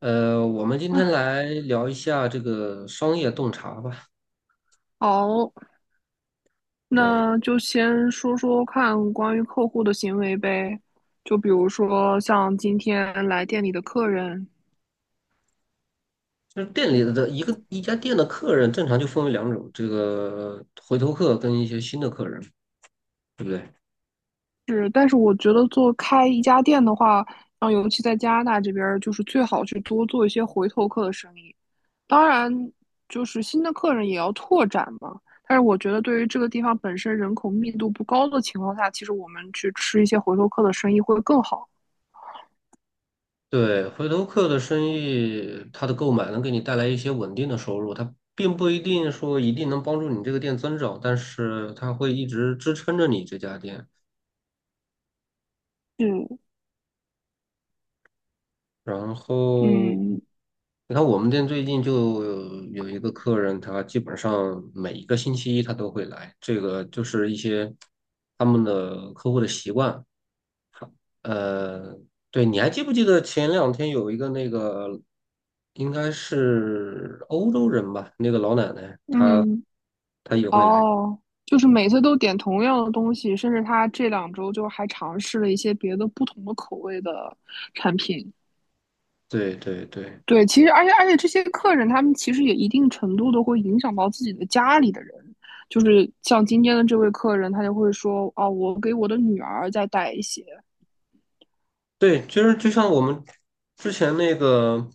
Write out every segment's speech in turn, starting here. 我们今天来聊一下这个商业洞察吧。好，对，那就先说说看关于客户的行为呗。就比如说像今天来店里的客人，就是店里的一家店的客人，正常就分为两种，这个回头客跟一些新的客人，对不对？是，但是我觉得做开一家店的话，像尤其在加拿大这边儿，就是最好去多做一些回头客的生意。当然，就是新的客人也要拓展嘛。但是我觉得，对于这个地方本身人口密度不高的情况下，其实我们去吃一些回头客的生意会更好。对，回头客的生意，他的购买能给你带来一些稳定的收入，他并不一定说一定能帮助你这个店增长，但是他会一直支撑着你这家店。是，然后，嗯你看我们店最近就有一个客人，他基本上每一个星期一他都会来，这个就是一些他们的客户的习惯。呃，对，你还记不记得前两天有一个那个，应该是欧洲人吧，那个老奶奶，嗯。她也会来。哦，就是每次都点同样的东西，甚至他这2周就还尝试了一些别的不同的口味的产品。对对对，对，其实而且这些客人他们其实也一定程度的会影响到自己的家里的人，就是像今天的这位客人，他就会说啊，我给我的女儿再带一些，对，其实就像我们之前那个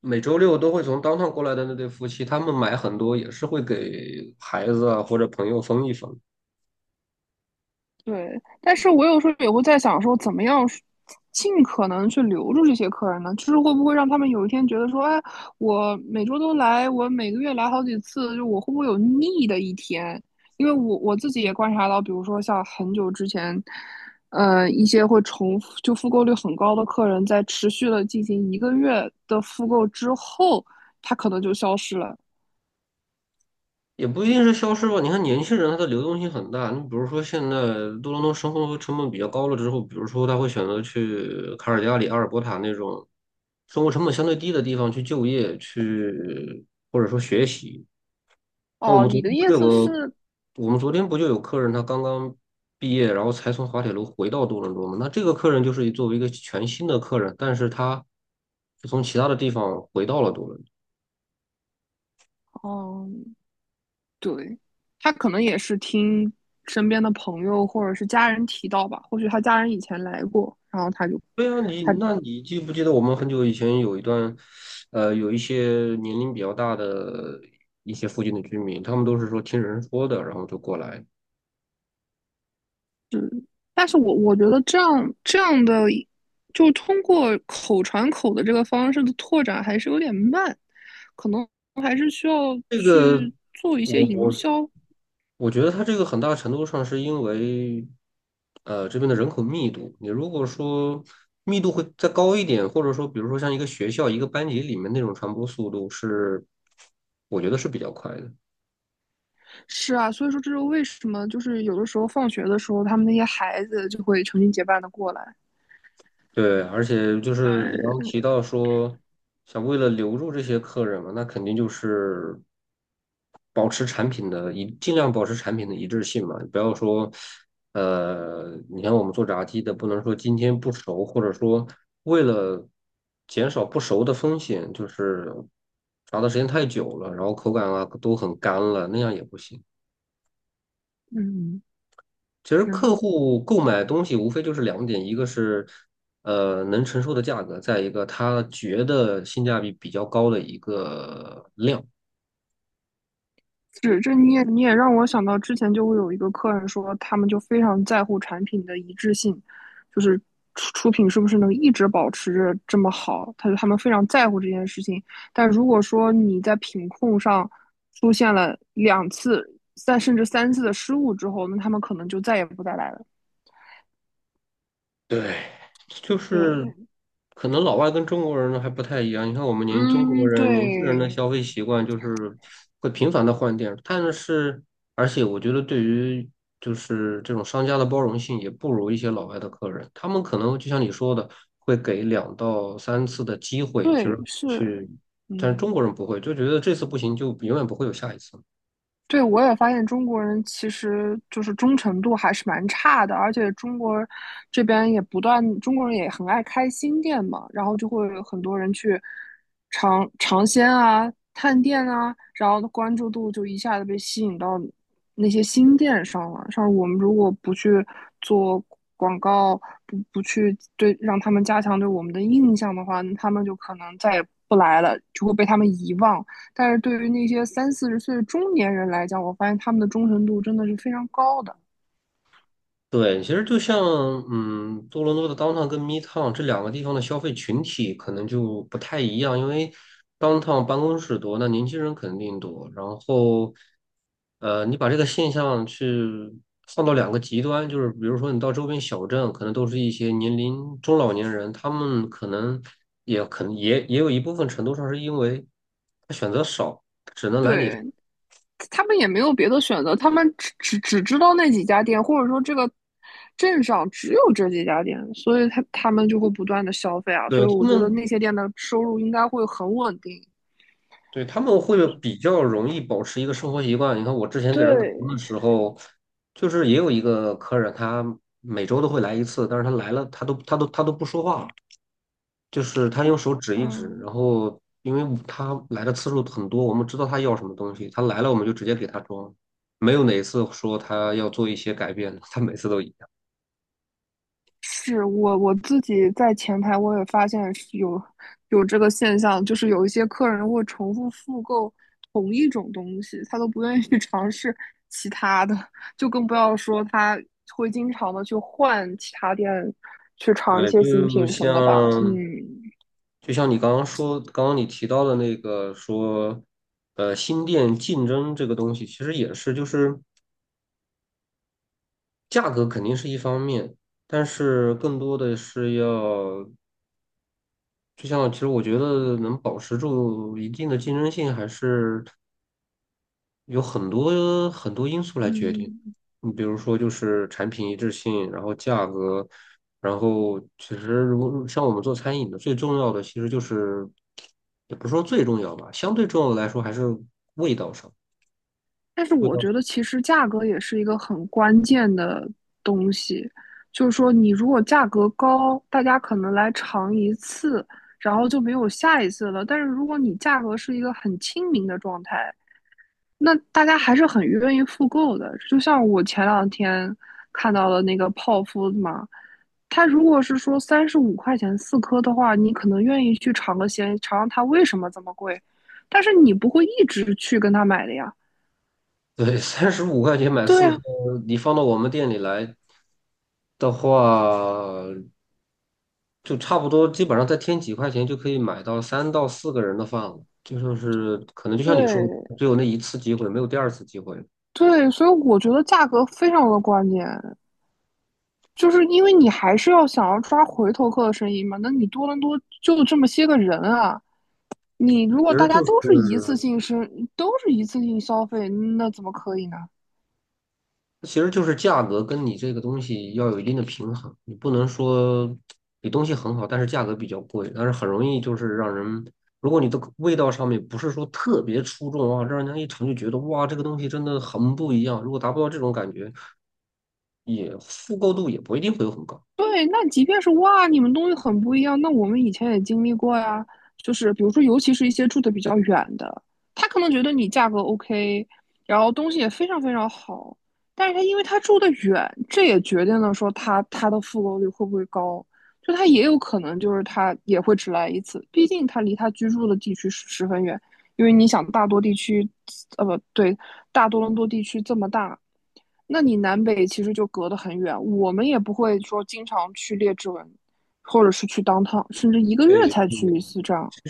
每周六都会从 downtown 过来的那对夫妻，他们买很多也是会给孩子啊或者朋友分一分，对，但是我有时候也会在想说，怎么样尽可能去留住这些客人呢？就是会不会让他们有一天觉得说，哎，我每周都来，我每个月来好几次，就我会不会有腻的一天？因为我自己也观察到，比如说像很久之前，一些会重复就复购率很高的客人，在持续的进行一个月的复购之后，他可能就消失了。也不一定是消失吧。你看年轻人他的流动性很大，你比如说现在多伦多生活成本比较高了之后，比如说他会选择去卡尔加里、阿尔伯塔那种生活成本相对低的地方去就业，去或者说学习。那我哦，们昨你的天不意就有思个，是，我们昨天不就有客人他刚刚毕业，然后才从滑铁卢回到多伦多吗？那这个客人就是作为一个全新的客人，但是他是从其他的地方回到了多伦多。嗯。对，他可能也是听身边的朋友或者是家人提到吧，或许他家人以前来过，然后他就对啊，你他，那你记不记得我们很久以前有一段，有一些年龄比较大的一些附近的居民，他们都是说听人说的，然后就过来。但是我觉得这样的，就通过口传口的这个方式的拓展还是有点慢，可能还是需要这个去做一些我营我销。我觉得它这个很大程度上是因为，这边的人口密度。你如果说密度会再高一点，或者说，比如说像一个学校、一个班级里面那种传播速度是，我觉得是比较快的。是啊，所以说这是为什么，就是有的时候放学的时候，他们那些孩子就会成群结伴的过来。对，而且就是你刚对，刚提到说，想为了留住这些客人嘛，那肯定就是。保持产品的一，尽量保持产品的一致性嘛，不要说，你看我们做炸鸡的，不能说今天不熟，或者说为了减少不熟的风险，就是炸的时间太久了，然后口感啊都很干了，那样也不行。嗯，其实嗯。客户购买东西无非就是两点，一个是能承受的价格，再一个他觉得性价比比较高的一个量。是，这你也让我想到之前就会有一个客人说，他们就非常在乎产品的一致性，就是出品是不是能一直保持着这么好，他们非常在乎这件事情。但如果说你在品控上出现了2次、甚至三次的失误之后，那他们可能就再也不再来了。对，就是对，可能老外跟中国人还不太一样。你看，我们年中国嗯，人、年轻人的对，消费习惯就是会频繁的换店，而且我觉得对于就是这种商家的包容性也不如一些老外的客人，他们可能就像你说的，会给两到三次的机会，就是对，是，去，但是嗯。中国人不会，就觉得这次不行就永远不会有下一次。对，我也发现中国人其实就是忠诚度还是蛮差的，而且中国这边也不断，中国人也很爱开新店嘛，然后就会有很多人去尝尝鲜啊、探店啊，然后关注度就一下子被吸引到那些新店上了。像我们如果不去做广告，不去让他们加强对我们的印象的话，他们就可能再也不来了，就会被他们遗忘。但是对于那些三四十岁的中年人来讲，我发现他们的忠诚度真的是非常高的。对，其实就像多伦多的 downtown 跟 midtown 这两个地方的消费群体可能就不太一样，因为 downtown 办公室多，那年轻人肯定多。然后，你把这个现象去放到两个极端，就是比如说你到周边小镇，可能都是一些年龄中老年人，他们可能也有一部分程度上是因为他选择少，只能来你这，对，他们也没有别的选择，他们只知道那几家店，或者说这个镇上只有这几家店，所以他们就会不断的消费啊。所对，以我他觉得们那些店的收入应该会很稳定。对，他们会比较容易保持一个生活习惯。你看，我之前给人打工的对，时候，就是也有一个客人，他每周都会来一次，但是他来了，他都不说话，就是他用手指一指。嗯。然后，因为他来的次数很多，我们知道他要什么东西，他来了我们就直接给他装，没有哪一次说他要做一些改变的，他每次都一样。是我自己在前台，我也发现是有这个现象，就是有一些客人会重复复购同一种东西，他都不愿意 去尝试其他的，就更不要说他会经常的去换其他店去尝一对，些新就品什么的吧。像嗯就像你刚刚说，刚刚你提到的那个说，新店竞争这个东西，其实也是，就是价格肯定是一方面，但是更多的是要，就像其实我觉得能保持住一定的竞争性，还是有很多很多因素来决定，嗯，你比如说就是产品一致性，然后价格，然后其实如果像我们做餐饮的，最重要的其实就是，也不是说最重要吧，相对重要的来说还是味道上，但是味我道上觉得其实价格也是一个很关键的东西，就是说你如果价格高，大家可能来尝一次，然后就没有下一次了。但是如果你价格是一个很亲民的状态，那大家还是很愿意复购的。就像我前两天看到的那个泡芙嘛，它如果是说35块钱4颗的话，你可能愿意去尝个鲜，尝尝它为什么这么贵，但是你不会一直去跟他买的呀。对，35块钱买对四颗，啊，你放到我们店里来的话，就差不多，基本上再添几块钱就可以买到三到四个人的饭了。就说是可能就像你说的，对只有那一次机会，没有第二次机会。对，所以我觉得价格非常的关键，就是因为你还是要想要抓回头客的生意嘛。那你多伦多就这么些个人啊，你如果其实大家就是，都是一次性生，都是一次性消费，那怎么可以呢？其实就是价格跟你这个东西要有一定的平衡，你不能说你东西很好，但是价格比较贵，但是很容易就是让人，如果你的味道上面不是说特别出众啊，让人家一尝就觉得哇，这个东西真的很不一样。如果达不到这种感觉，也复购度也不一定会有很高。对，那即便是哇，你们东西很不一样，那我们以前也经历过呀。就是比如说，尤其是一些住的比较远的，他可能觉得你价格 OK，然后东西也非常非常好，但是因为他住的远，这也决定了说他的复购率会不会高。就他也有可能就是他也会只来一次，毕竟他离他居住的地区十分远。因为你想，大多地区，不对，大多伦多地区这么大，那你南北其实就隔得很远，我们也不会说经常去列治文，或者是去当 o 甚至一个月对，才去一次这样，其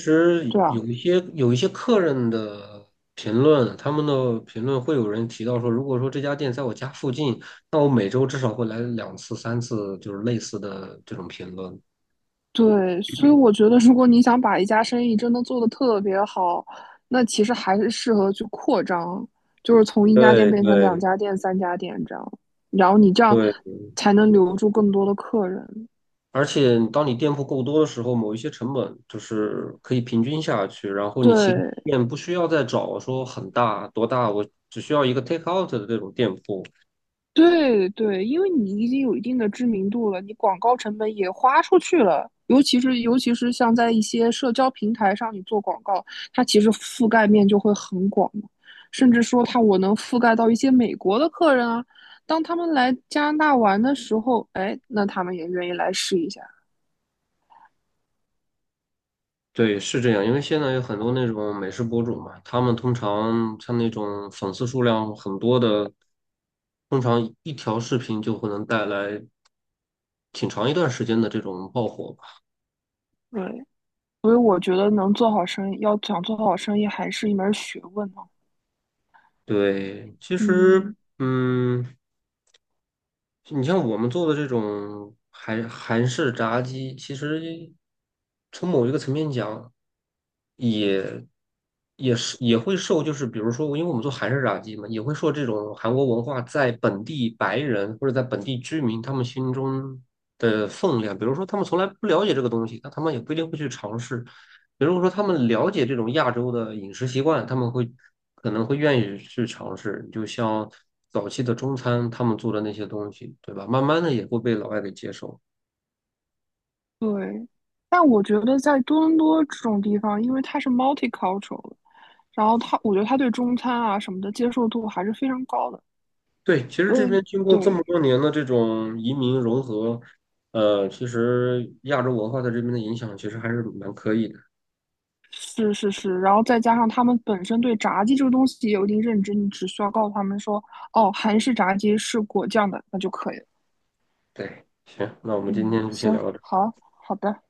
对实啊，有一些客人的评论，他们的评论会有人提到说，如果说这家店在我家附近，那我每周至少会来两次、三次，就是类似的这种评论。对，所以我觉得，如果你想把一家生意真的做得特别好，那其实还是适合去扩张，就是从一家店对变成两对家店、3家店这样，然后你这样对，才能留住更多的客人。而且当你店铺够多的时候，某一些成本就是可以平均下去，然后你其他对，店不需要再找说很大多大，我只需要一个 take out 的这种店铺。对对，因为你已经有一定的知名度了，你广告成本也花出去了，尤其是像在一些社交平台上你做广告，它其实覆盖面就会很广嘛，甚至说它我能覆盖到一些美国的客人啊，当他们来加拿大玩的时候，哎，那他们也愿意来试一下。对，是这样，因为现在有很多那种美食博主嘛，他们通常像那种粉丝数量很多的，通常一条视频就会能带来挺长一段时间的这种爆火吧。对，所以我觉得能做好生意，要想做好生意还是一门学问呢、对，其实，嗯，你像我们做的这种韩式炸鸡，其实从某一个层面讲，也是也会受，就是比如说，因为我们做韩式炸鸡嘛，也会受这种韩国文化在本地白人或者在本地居民他们心中的分量。比如说，他们从来不了解这个东西，那他们也不一定会去尝试。比如说，他们了解这种亚洲的饮食习惯，他们可能会愿意去尝试。就像早期的中餐，他们做的那些东西，对吧？慢慢的也会被老外给接受。对。但我觉得在多伦多这种地方，因为它是 multicultural 然后他，我觉得他对中餐啊什么的接受度还是非常高的，对，其实这所以边经过这么对，多年的这种移民融合，其实亚洲文化在这边的影响其实还是蛮可以的。是是是，然后再加上他们本身对炸鸡这个东西也有一定认知，你只需要告诉他们说，哦，韩式炸鸡是果酱的，那就可以了。对，行，那我们今嗯，天就先行，聊到这儿。好，好的。